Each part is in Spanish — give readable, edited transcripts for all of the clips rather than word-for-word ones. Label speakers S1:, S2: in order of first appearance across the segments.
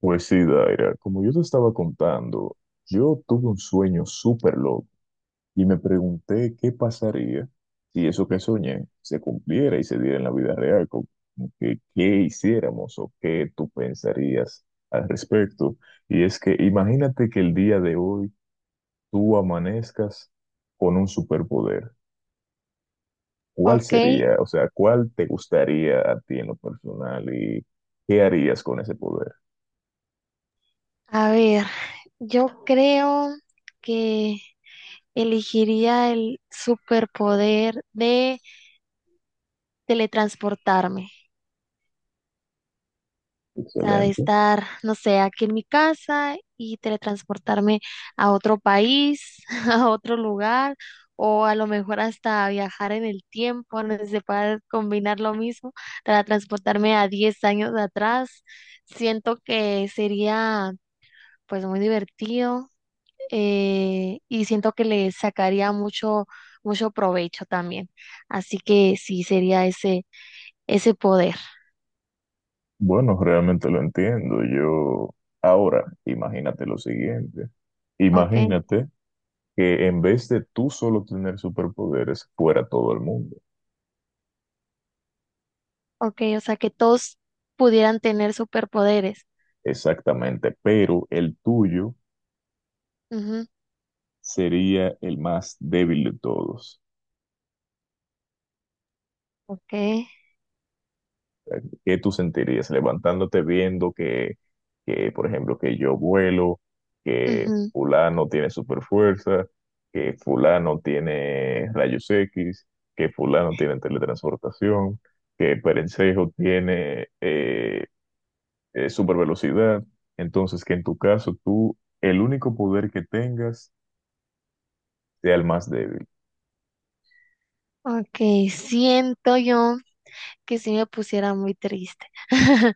S1: Pues sí, Daira, como yo te estaba contando, yo tuve un sueño súper loco y me pregunté qué pasaría si eso que soñé se cumpliera y se diera en la vida real, como que qué hiciéramos o qué tú pensarías al respecto. Y es que imagínate que el día de hoy tú amanezcas con un superpoder. ¿Cuál
S2: Ok,
S1: sería? O sea, ¿cuál te gustaría a ti en lo personal y qué harías con ese poder?
S2: a ver, yo creo que elegiría el superpoder de teletransportarme. O sea, de
S1: Excelente.
S2: estar, no sé, aquí en mi casa y teletransportarme a otro país, a otro lugar, o a lo mejor hasta viajar en el tiempo, no sé, si se puede combinar lo mismo, para transportarme a 10 años atrás. Siento que sería pues muy divertido y siento que le sacaría mucho, mucho provecho también. Así que sí sería ese, ese poder,
S1: Bueno, realmente lo entiendo. Yo, ahora, imagínate lo siguiente.
S2: ¿ok?
S1: Imagínate que en vez de tú solo tener superpoderes, fuera todo el mundo.
S2: Ok, o sea que todos pudieran tener superpoderes.
S1: Exactamente, pero el tuyo
S2: Ujú,
S1: sería el más débil de todos.
S2: ok,
S1: ¿Qué tú sentirías levantándote viendo que, por ejemplo, que yo vuelo, que
S2: ujú,
S1: fulano tiene super fuerza, que fulano tiene rayos X, que fulano tiene teletransportación, que Perencejo tiene super velocidad? Entonces, que en tu caso tú, el único poder que tengas sea el más débil.
S2: ok, siento yo que sí me pusiera muy triste.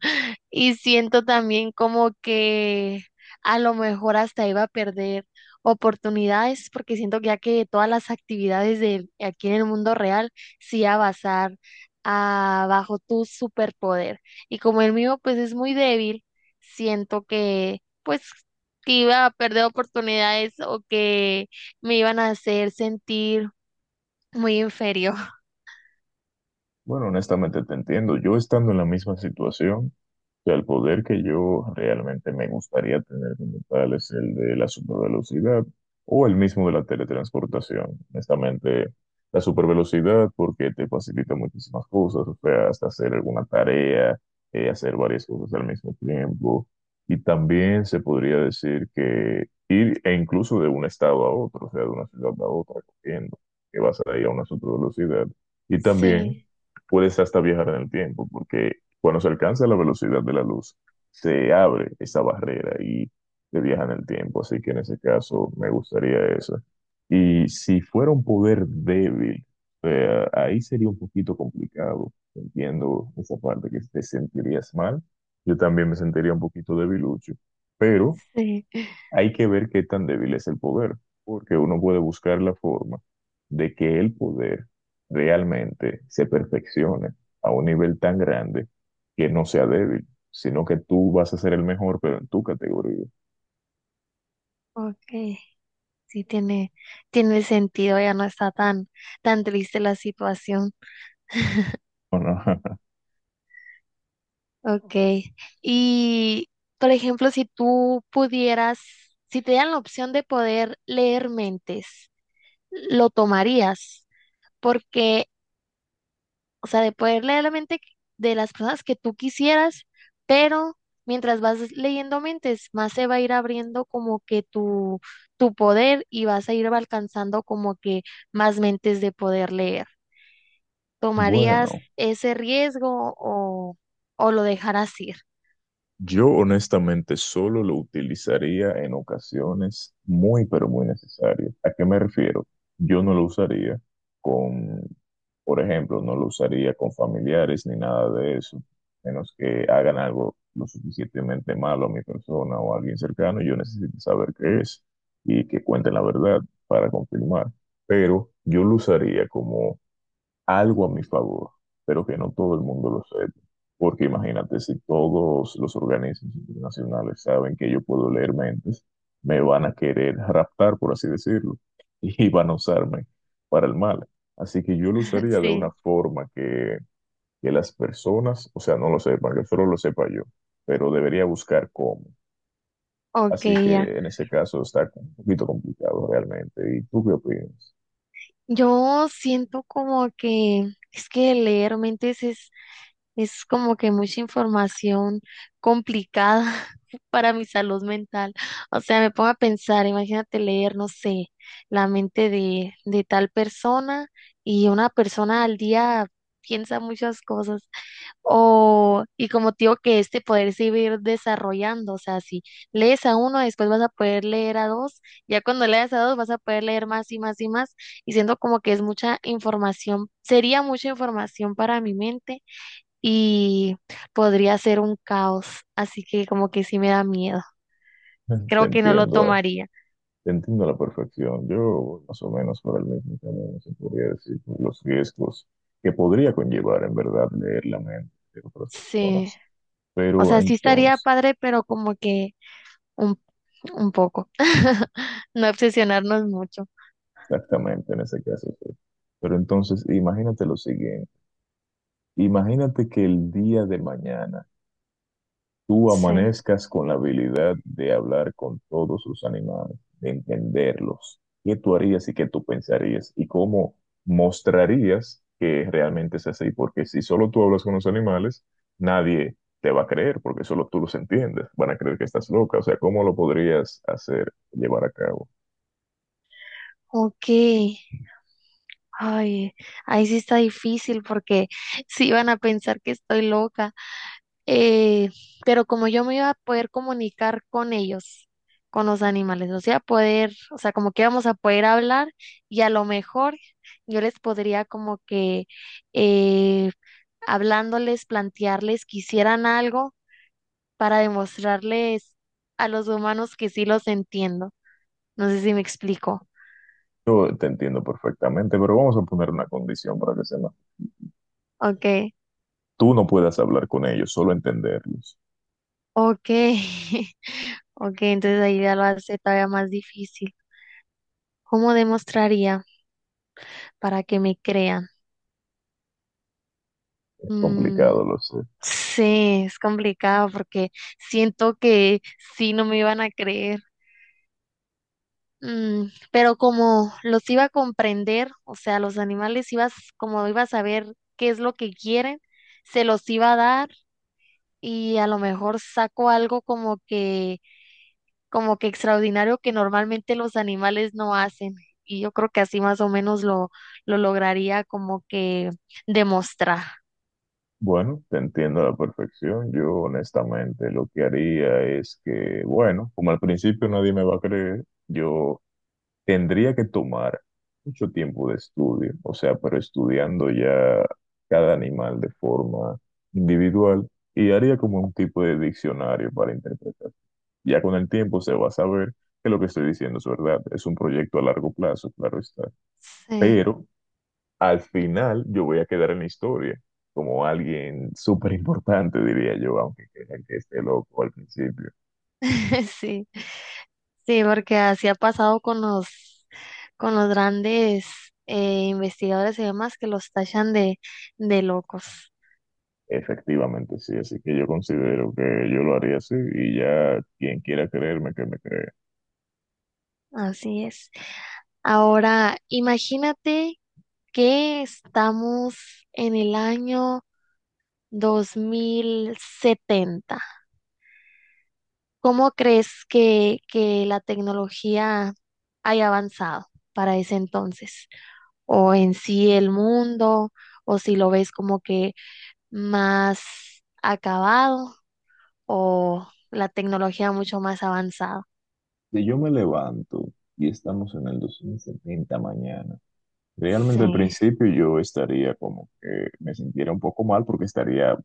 S2: Y siento también como que a lo mejor hasta iba a perder oportunidades, porque siento que ya que todas las actividades de aquí en el mundo real sí iba a basar bajo tu superpoder. Y como el mío pues es muy débil, siento que pues que iba a perder oportunidades o que me iban a hacer sentir muy inferior.
S1: Bueno, honestamente te entiendo. Yo, estando en la misma situación, o sea, el poder que yo realmente me gustaría tener como tal es el de la supervelocidad o el mismo de la teletransportación. Honestamente, la supervelocidad, porque te facilita muchísimas cosas, o sea, hasta hacer alguna tarea, hacer varias cosas al mismo tiempo. Y también se podría decir que ir e incluso de un estado a otro, o sea, de una ciudad a otra, corriendo, que vas a ir a una supervelocidad. Y
S2: Sí,
S1: también puedes hasta viajar en el tiempo, porque cuando se alcanza la velocidad de la luz, se abre esa barrera y se viaja en el tiempo. Así que en ese caso me gustaría eso. Y si fuera un poder débil, ahí sería un poquito complicado. Entiendo esa parte, que te sentirías mal. Yo también me sentiría un poquito debilucho. Pero
S2: sí,
S1: hay que ver qué tan débil es el poder, porque uno puede buscar la forma de que el poder realmente se perfeccione a un nivel tan grande que no sea débil, sino que tú vas a ser el mejor, pero en tu categoría.
S2: ok. Sí, tiene, tiene sentido, ya no está tan, tan triste la situación.
S1: ¿O no?
S2: Ok. Y, por ejemplo, si tú pudieras, si te dieran la opción de poder leer mentes, ¿lo tomarías? Porque, o sea, de poder leer la mente de las personas que tú quisieras, pero mientras vas leyendo mentes, más se va a ir abriendo como que tu poder y vas a ir alcanzando como que más mentes de poder leer. ¿Tomarías
S1: Bueno.
S2: ese riesgo o lo dejarás ir?
S1: Yo honestamente solo lo utilizaría en ocasiones muy, pero muy necesarias. ¿A qué me refiero? Yo no lo usaría con, por ejemplo, no lo usaría con familiares ni nada de eso, menos que hagan algo lo suficientemente malo a mi persona o a alguien cercano. Yo necesito saber qué es y que cuenten la verdad para confirmar. Pero yo lo usaría como algo a mi favor, pero que no todo el mundo lo sepa. Porque imagínate, si todos los organismos internacionales saben que yo puedo leer mentes, me van a querer raptar, por así decirlo, y van a usarme para el mal. Así que yo lo usaría de una
S2: Sí,
S1: forma que las personas, o sea, no lo sepan, que solo lo sepa yo, pero debería buscar cómo.
S2: ok,
S1: Así
S2: ya.
S1: que en ese caso está un poquito complicado realmente. ¿Y tú qué opinas?
S2: Yo siento como que es que leer mentes es como que mucha información complicada para mi salud mental. O sea, me pongo a pensar, imagínate leer, no sé, la mente de tal persona y una persona al día piensa muchas cosas. O, y como te digo, que este poder se iba a ir desarrollando, o sea, si lees a uno, después vas a poder leer a dos, ya cuando leas a dos vas a poder leer más y más y más, y siento como que es mucha información, sería mucha información para mi mente y podría ser un caos, así que como que sí me da miedo,
S1: Te
S2: creo que no lo
S1: entiendo, ah.
S2: tomaría,
S1: Te entiendo a la perfección. Yo voy más o menos por el mismo camino, se podría decir, por los riesgos que podría conllevar en verdad leer la mente de otras
S2: sí,
S1: personas.
S2: o
S1: Pero
S2: sea, sí estaría
S1: entonces,
S2: padre, pero como que un, un poco, no obsesionarnos mucho,
S1: exactamente en ese caso, sí. Pero entonces, imagínate lo siguiente. Imagínate que el día de mañana tú
S2: sí,
S1: amanezcas con la habilidad de hablar con todos los animales, de entenderlos, qué tú harías y qué tú pensarías y cómo mostrarías que realmente es así, porque si solo tú hablas con los animales, nadie te va a creer, porque solo tú los entiendes, van a creer que estás loca, o sea, ¿cómo lo podrías hacer, llevar a cabo?
S2: ok. Ay, ahí sí está difícil porque sí van a pensar que estoy loca. Eh, pero como yo me iba a poder comunicar con ellos, con los animales, o sea, poder, o sea, como que íbamos a poder hablar y a lo mejor yo les podría como que eh, hablándoles, plantearles que hicieran algo para demostrarles a los humanos que sí los entiendo. No sé si me explico.
S1: Yo te entiendo perfectamente, pero vamos a poner una condición para que se ma-
S2: Ok,
S1: Tú no puedas hablar con ellos, solo entenderlos.
S2: ok. Ok, entonces ahí ya lo hace todavía más difícil. ¿Cómo demostraría para que me crean?
S1: Es
S2: Mm,
S1: complicado, lo sé.
S2: sí, es complicado porque siento que sí no me iban a creer. Mm, pero como los iba a comprender, o sea, los animales ibas, como iba a saber qué es lo que quieren, se los iba a dar y a lo mejor saco algo como que extraordinario que normalmente los animales no hacen. Y yo creo que así más o menos lo lograría como que demostrar.
S1: Bueno, te entiendo a la perfección. Yo honestamente lo que haría es que, bueno, como al principio nadie me va a creer, yo tendría que tomar mucho tiempo de estudio, o sea, pero estudiando ya cada animal de forma individual, y haría como un tipo de diccionario para interpretar. Ya con el tiempo se va a saber que lo que estoy diciendo es verdad. Es un proyecto a largo plazo, claro está.
S2: Sí,
S1: Pero al final yo voy a quedar en la historia como alguien súper importante, diría yo, aunque crean que esté loco al principio.
S2: sí, sí, porque así ha pasado con los grandes investigadores y demás que los tachan de locos.
S1: Efectivamente, sí, así que yo considero que yo lo haría así, y ya quien quiera creerme, que me crea.
S2: Así es. Ahora, imagínate que estamos en el año 2070. ¿Cómo crees que la tecnología haya avanzado para ese entonces? O en sí el mundo, o si lo ves como que más acabado, o la tecnología mucho más avanzada.
S1: Si yo me levanto y estamos en el 2070 mañana, realmente al
S2: Sí,
S1: principio yo estaría como que me sintiera un poco mal, porque estaría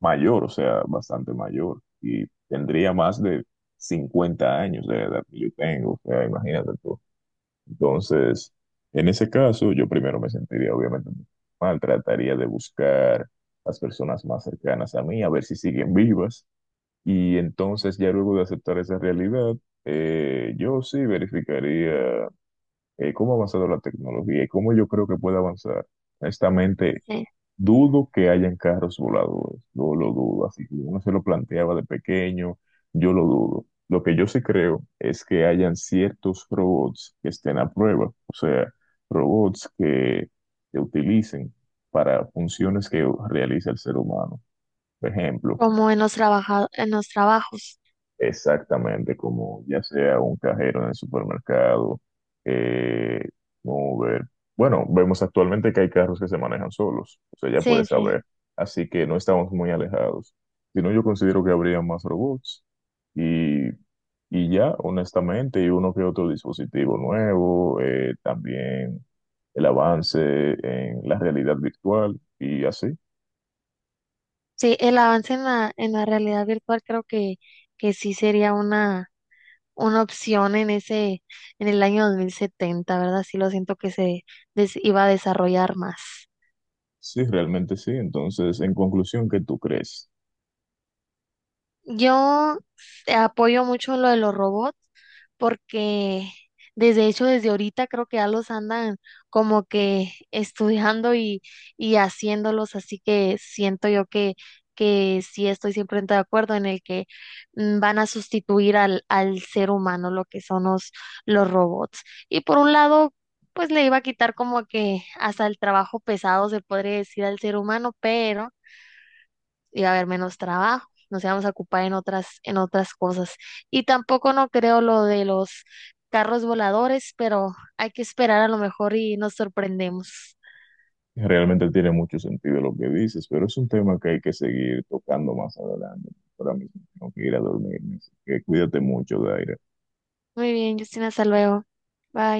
S1: mayor, o sea, bastante mayor, y tendría más de 50 años de la edad que yo tengo, o sea, imagínate tú. Entonces, en ese caso, yo primero me sentiría obviamente mal, trataría de buscar las personas más cercanas a mí, a ver si siguen vivas. Y entonces, ya luego de aceptar esa realidad, yo sí verificaría cómo ha avanzado la tecnología y cómo yo creo que puede avanzar. Honestamente,
S2: sí.
S1: dudo que hayan carros voladores. No lo dudo, así que uno se lo planteaba de pequeño, yo lo dudo. Lo que yo sí creo es que hayan ciertos robots que estén a prueba, o sea, robots que se utilicen para funciones que realiza el ser humano. Por ejemplo,
S2: Como en los en los trabajos.
S1: exactamente, como ya sea un cajero en el supermercado, eh, Uber. Bueno, vemos actualmente que hay carros que se manejan solos, o sea, ya
S2: Sí,
S1: puedes
S2: sí.
S1: saber. Así que no estamos muy alejados. Si no, yo considero que habría más robots y, y ya, honestamente, y uno que otro dispositivo nuevo, también el avance en la realidad virtual y así.
S2: Sí, el avance en la realidad virtual creo que sí sería una opción en ese, en el año 2070, ¿verdad? Sí lo siento que se iba a desarrollar más.
S1: Sí, realmente sí. Entonces, en conclusión, ¿qué tú crees?
S2: Yo apoyo mucho lo de los robots porque desde hecho desde ahorita creo que ya los andan como que estudiando y haciéndolos, así que siento yo que sí estoy siempre de acuerdo en el que mm, van a sustituir al, al ser humano lo que son los robots. Y por un lado, pues le iba a quitar como que hasta el trabajo pesado se podría decir al ser humano, pero iba a haber menos trabajo, nos íbamos a ocupar en otras cosas. Y tampoco no creo lo de los carros voladores, pero hay que esperar a lo mejor y nos sorprendemos.
S1: Realmente tiene mucho sentido lo que dices, pero es un tema que hay que seguir tocando más adelante. Ahora mismo tengo que ir a dormirme, así que cuídate mucho, Daira.
S2: Muy bien, Justina, hasta luego. Bye.